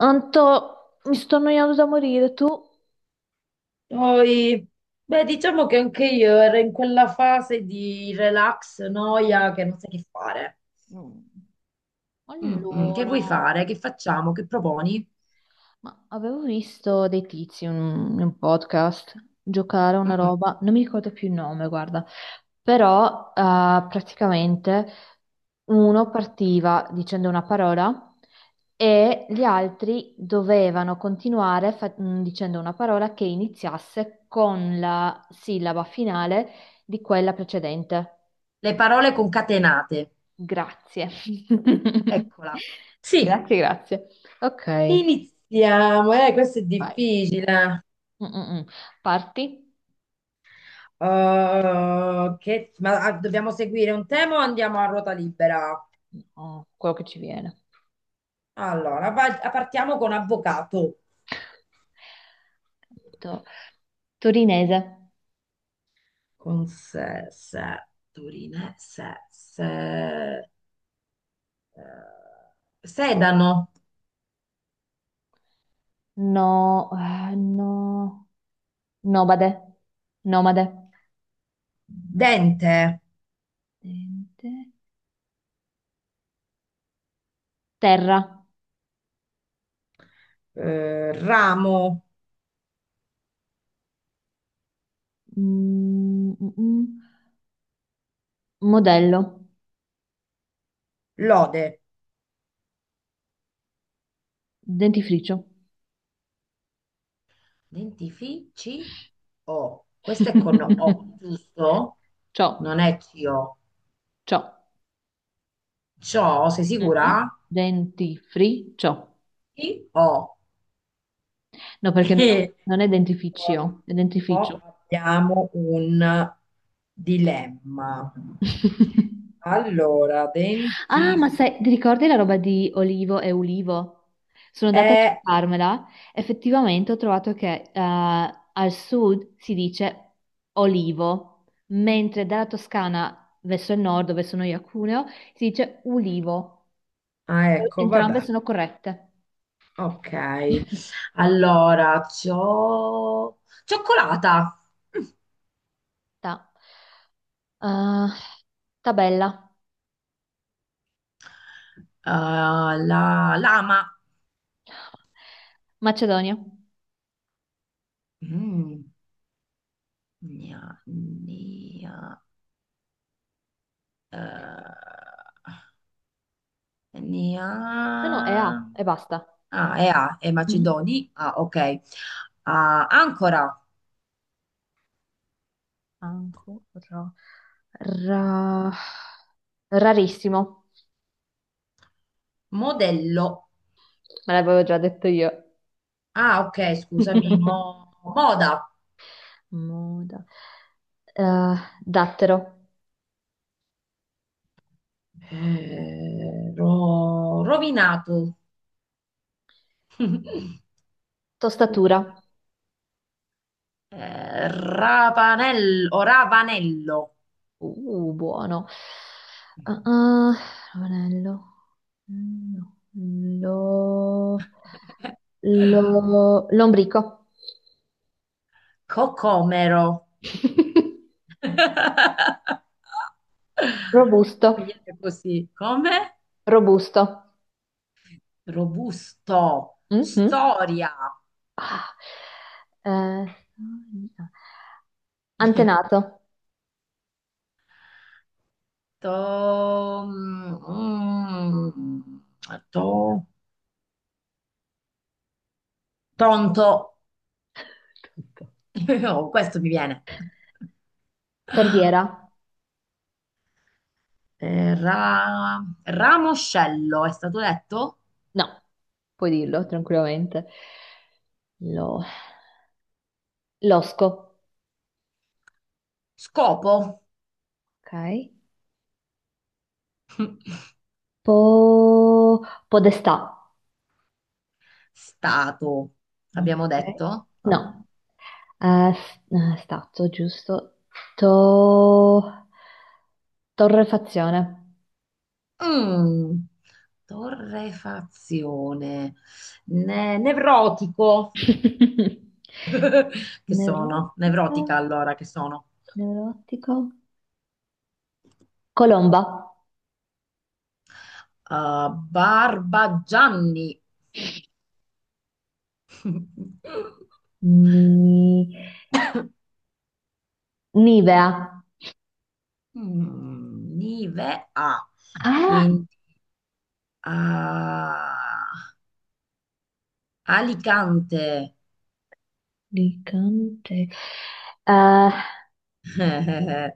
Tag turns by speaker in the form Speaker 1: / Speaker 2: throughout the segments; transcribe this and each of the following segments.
Speaker 1: Anto, mi sto annoiando da morire, tu?
Speaker 2: Poi, beh, diciamo che anche io ero in quella fase di relax, noia, che non sai che fare.
Speaker 1: Mm.
Speaker 2: Che vuoi
Speaker 1: Allora,
Speaker 2: fare? Che facciamo? Che proponi?
Speaker 1: ma avevo visto dei tizi in in un podcast giocare a una
Speaker 2: Mm,
Speaker 1: roba, non mi ricordo più il nome, guarda, però praticamente uno partiva dicendo una parola e gli altri dovevano continuare dicendo una parola che iniziasse con la sillaba finale di quella precedente.
Speaker 2: Le parole concatenate.
Speaker 1: Grazie.
Speaker 2: Eccola. Sì,
Speaker 1: Grazie, grazie. Ok,
Speaker 2: iniziamo. Questo è
Speaker 1: vai.
Speaker 2: difficile.
Speaker 1: Mm, mm, mm. Parti?
Speaker 2: Dobbiamo seguire un tema o andiamo a ruota libera?
Speaker 1: No, quello che ci viene.
Speaker 2: Allora, partiamo con avvocato.
Speaker 1: To- Torinese.
Speaker 2: Con se, se, Turine, se, se. Eh, sedano,
Speaker 1: No, no. Nomade. Nomade.
Speaker 2: dente,
Speaker 1: Dente. Terra.
Speaker 2: ramo,
Speaker 1: Mm, mm, mm. Modello.
Speaker 2: lode.
Speaker 1: Dentifricio.
Speaker 2: Dentifici O. Questo è con O, giusto?
Speaker 1: Ciò,
Speaker 2: Non è CO.
Speaker 1: ciò.
Speaker 2: Ciò, sei
Speaker 1: Mhm.
Speaker 2: sicura?
Speaker 1: Dentifricio.
Speaker 2: Sì, O.
Speaker 1: No, perché non, non è dentifricio, è
Speaker 2: O
Speaker 1: dentifricio.
Speaker 2: abbiamo un dilemma. Allora,
Speaker 1: Ah, ma
Speaker 2: dentifici.
Speaker 1: sai, ti ricordi la roba di Olivo e Ulivo? Sono andata a
Speaker 2: Eh,
Speaker 1: cercarmela. Effettivamente ho trovato che al sud si dice Olivo, mentre dalla Toscana verso il nord, dove sono io a Cuneo, si dice Ulivo.
Speaker 2: ecco,
Speaker 1: Entrambe
Speaker 2: vabbè.
Speaker 1: sono corrette.
Speaker 2: Ok. Allora, c'ho... Cioccolata. Mm.
Speaker 1: Ta. Eh, tabella.
Speaker 2: La lama.
Speaker 1: Macedonia.
Speaker 2: Mm. Gna- gna- eh,
Speaker 1: No, no, è
Speaker 2: gna-
Speaker 1: A e basta.
Speaker 2: Ah, è A, è
Speaker 1: Mhm.
Speaker 2: Macedoni. Ah, ok. Ah, ancora,
Speaker 1: Ancora. Ra- Rarissimo,
Speaker 2: modello.
Speaker 1: me l'avevo già detto io.
Speaker 2: Ah, ok, scusami, moda.
Speaker 1: Moda. Eh, dattero.
Speaker 2: Rovinato.
Speaker 1: Tostatura.
Speaker 2: Ravanello, o Ravanello.
Speaker 1: Buono. Ah, ah, ravanello. Mm, no. Lombrico.
Speaker 2: Cocomero. Mi
Speaker 1: Robusto.
Speaker 2: viene così. Come?
Speaker 1: Robusto.
Speaker 2: Robusto.
Speaker 1: Mhm.
Speaker 2: Storia.
Speaker 1: Ah. Eh, antenato.
Speaker 2: To... mm, to- Tonto.
Speaker 1: Tutto.
Speaker 2: Oh, questo mi viene.
Speaker 1: Torbiera?
Speaker 2: Ramoscello, è stato detto?
Speaker 1: No, puoi dirlo tranquillamente. Lo- Losco,
Speaker 2: Scopo.
Speaker 1: ok. Po- Podestà.
Speaker 2: Stato. Abbiamo
Speaker 1: Ok.
Speaker 2: detto?
Speaker 1: No,
Speaker 2: No.
Speaker 1: Stato giusto. To- Torrefazione.
Speaker 2: Mm, torrefazione. Nevrotico. Che sono?
Speaker 1: Neurotica,
Speaker 2: Nevrotica allora, che sono?
Speaker 1: neurotico. Colomba.
Speaker 2: Barbagianni.
Speaker 1: Ni- Nivea.
Speaker 2: Mm, Nive A.
Speaker 1: Ah,
Speaker 2: Quindi ah, Alicante.
Speaker 1: Alicante. Eh,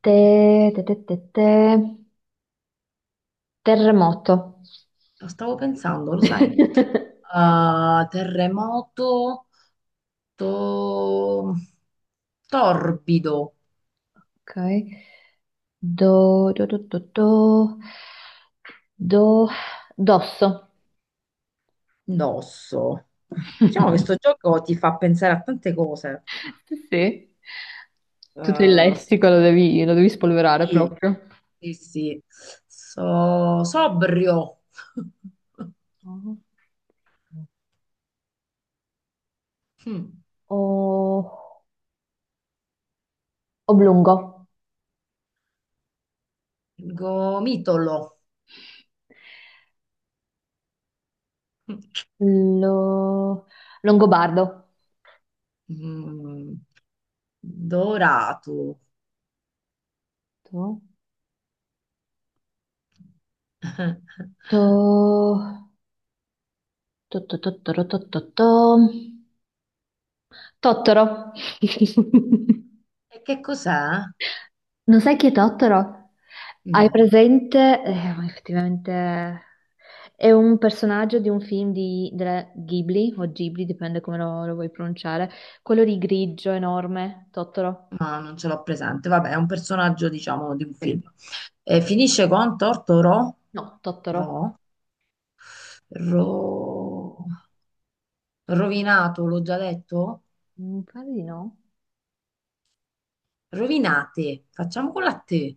Speaker 1: te, te, te, te, te. Terremoto.
Speaker 2: Lo stavo pensando, lo sai? Terremoto to- torbido.
Speaker 1: Ok. Do, do, do, do, do. Do, dosso.
Speaker 2: Indosso. Diciamo che sto gioco ti fa pensare a tante cose.
Speaker 1: Sì, sì. Tutto il
Speaker 2: Eh,
Speaker 1: lessico
Speaker 2: sto-
Speaker 1: lo devi spolverare
Speaker 2: sì,
Speaker 1: proprio.
Speaker 2: sì. So, sobrio.
Speaker 1: Oh.
Speaker 2: Mm.
Speaker 1: O- oblungo.
Speaker 2: Gomitolo.
Speaker 1: Lo- Longobardo.
Speaker 2: Mm. Dorato.
Speaker 1: Tu? To... Tottoro, Tottoro.
Speaker 2: E che cos'è?
Speaker 1: Non sai chi è Tottoro? Hai
Speaker 2: No,
Speaker 1: presente? Ma effettivamente è un personaggio di un film di, della Ghibli, o Ghibli, dipende come lo vuoi pronunciare. Quello di grigio enorme, Tottoro.
Speaker 2: ma non ce l'ho presente. Vabbè, è un personaggio, diciamo, di un
Speaker 1: Sì.
Speaker 2: film. E finisce con Tortoro.
Speaker 1: No, Tottoro.
Speaker 2: Ro. Ro. Rovinato, l'ho già detto?
Speaker 1: Mi pare di no.
Speaker 2: Rovinate, facciamo con la T,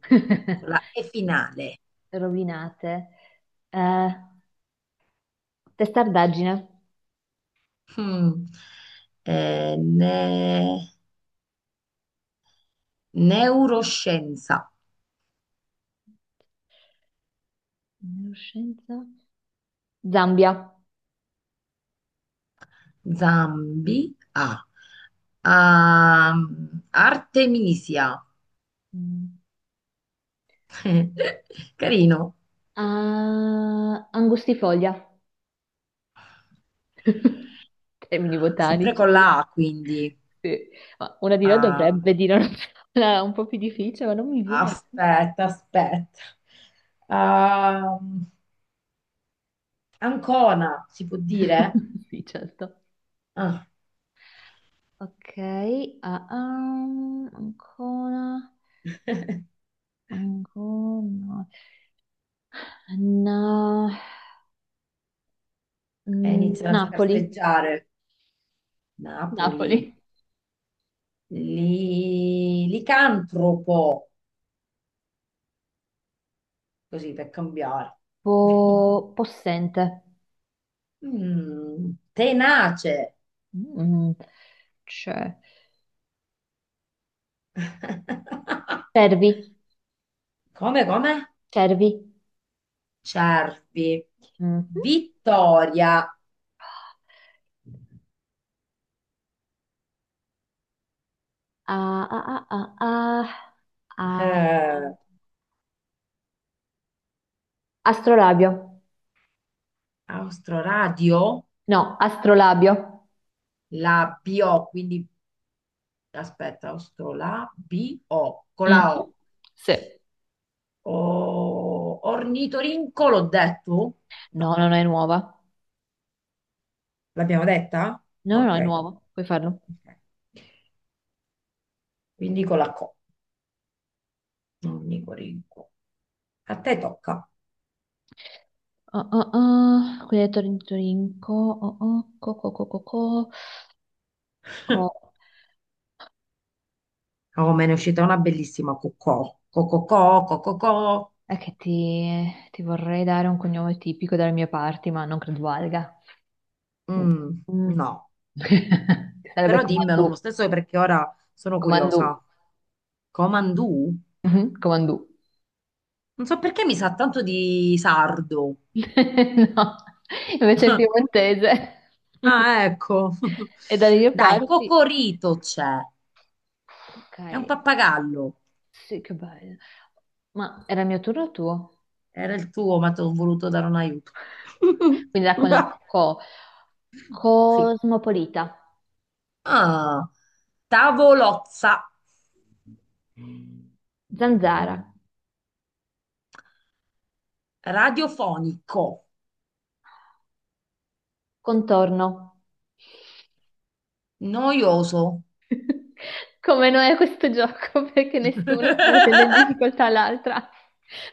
Speaker 2: con la E finale.
Speaker 1: Rovinate. Eh, testardaggine.
Speaker 2: Mm. Eh, ne- Neuroscienza,
Speaker 1: Neuroscienza. Zambia.
Speaker 2: Zambi, A. Artemisia,
Speaker 1: Mm.
Speaker 2: carino,
Speaker 1: Ah, angustifoglia. Termini
Speaker 2: sempre
Speaker 1: botanici.
Speaker 2: con la A quindi.
Speaker 1: Sì. Ma una di noi
Speaker 2: Ah,
Speaker 1: dovrebbe dire una parola un po' più difficile, ma non mi viene.
Speaker 2: aspetta, aspetta. Am- Ancona, si può dire?
Speaker 1: Sì, certo.
Speaker 2: Ah.
Speaker 1: Ok, ancora, ancora. Na-
Speaker 2: e iniziano a
Speaker 1: Napoli,
Speaker 2: scarseggiare. Napoli,
Speaker 1: Napoli.
Speaker 2: licantropo, così per cambiare.
Speaker 1: Possente.
Speaker 2: Mm, tenace.
Speaker 1: Mm, c'è. Cervi,
Speaker 2: Come, come?
Speaker 1: cervi.
Speaker 2: Cervi.
Speaker 1: Mhm.
Speaker 2: Vittoria.
Speaker 1: Ah, ah, ah, ah, ah, ah.
Speaker 2: Eh,
Speaker 1: Astrolabio.
Speaker 2: Austroradio,
Speaker 1: No, astrolabio.
Speaker 2: la bio, quindi aspetta, Austro, la bio, con la
Speaker 1: Mm. Sì.
Speaker 2: O. Ornitorinco, l'ho detto? No.
Speaker 1: No, no, no, è nuova.
Speaker 2: L'abbiamo detta?
Speaker 1: No, no, no, è
Speaker 2: Ok,
Speaker 1: nuova. Puoi farlo.
Speaker 2: ok. Quindi con la Co, non Nicorinco. A te tocca.
Speaker 1: Oh, oh, oh. Quindi hai detto Torinco. Oh, oh. Co.
Speaker 2: Oh, me ne è uscita una bellissima cocò. Cococò, cococò.
Speaker 1: È che ti, ti vorrei dare un cognome tipico dalle mie parti, ma non credo valga. Mm.
Speaker 2: Mm,
Speaker 1: Mm.
Speaker 2: no,
Speaker 1: Sarebbe
Speaker 2: però dimmelo lo
Speaker 1: Comandù.
Speaker 2: stesso perché ora sono
Speaker 1: Comandù.
Speaker 2: curiosa. Comandù?
Speaker 1: Mhm, Comandù.
Speaker 2: Non so perché mi sa tanto di sardo.
Speaker 1: No, invece è piemontese.
Speaker 2: Ah, ecco.
Speaker 1: E dalle mie
Speaker 2: Dai,
Speaker 1: parti.
Speaker 2: Cocorito c'è.
Speaker 1: Ok,
Speaker 2: È un pappagallo.
Speaker 1: sì, che bello. Ma era il mio turno o tuo?
Speaker 2: Era il tuo, ma ti ho voluto dare un aiuto.
Speaker 1: Quindi era con la co.
Speaker 2: Sì.
Speaker 1: Cosmopolita.
Speaker 2: Ah, tavolozza
Speaker 1: Zanzara.
Speaker 2: radiofonico,
Speaker 1: Contorno.
Speaker 2: noioso.
Speaker 1: Come noi a questo gioco, perché nessuna sta mettendo in difficoltà l'altra.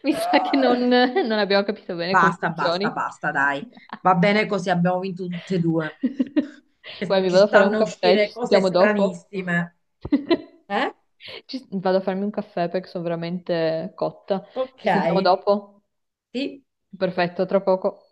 Speaker 1: Mi sa che non abbiamo capito bene come
Speaker 2: Basta, basta,
Speaker 1: funzioni.
Speaker 2: basta, dai. Va bene così, abbiamo vinto tutte e due.
Speaker 1: Guarda,
Speaker 2: Che
Speaker 1: mi
Speaker 2: ci
Speaker 1: vado a fare un
Speaker 2: stanno a
Speaker 1: caffè, ci
Speaker 2: uscire cose
Speaker 1: sentiamo dopo.
Speaker 2: stranissime. Eh?
Speaker 1: Vado a farmi un caffè perché sono veramente cotta.
Speaker 2: Ok.
Speaker 1: Ci sentiamo dopo?
Speaker 2: Sì.
Speaker 1: Perfetto, tra poco.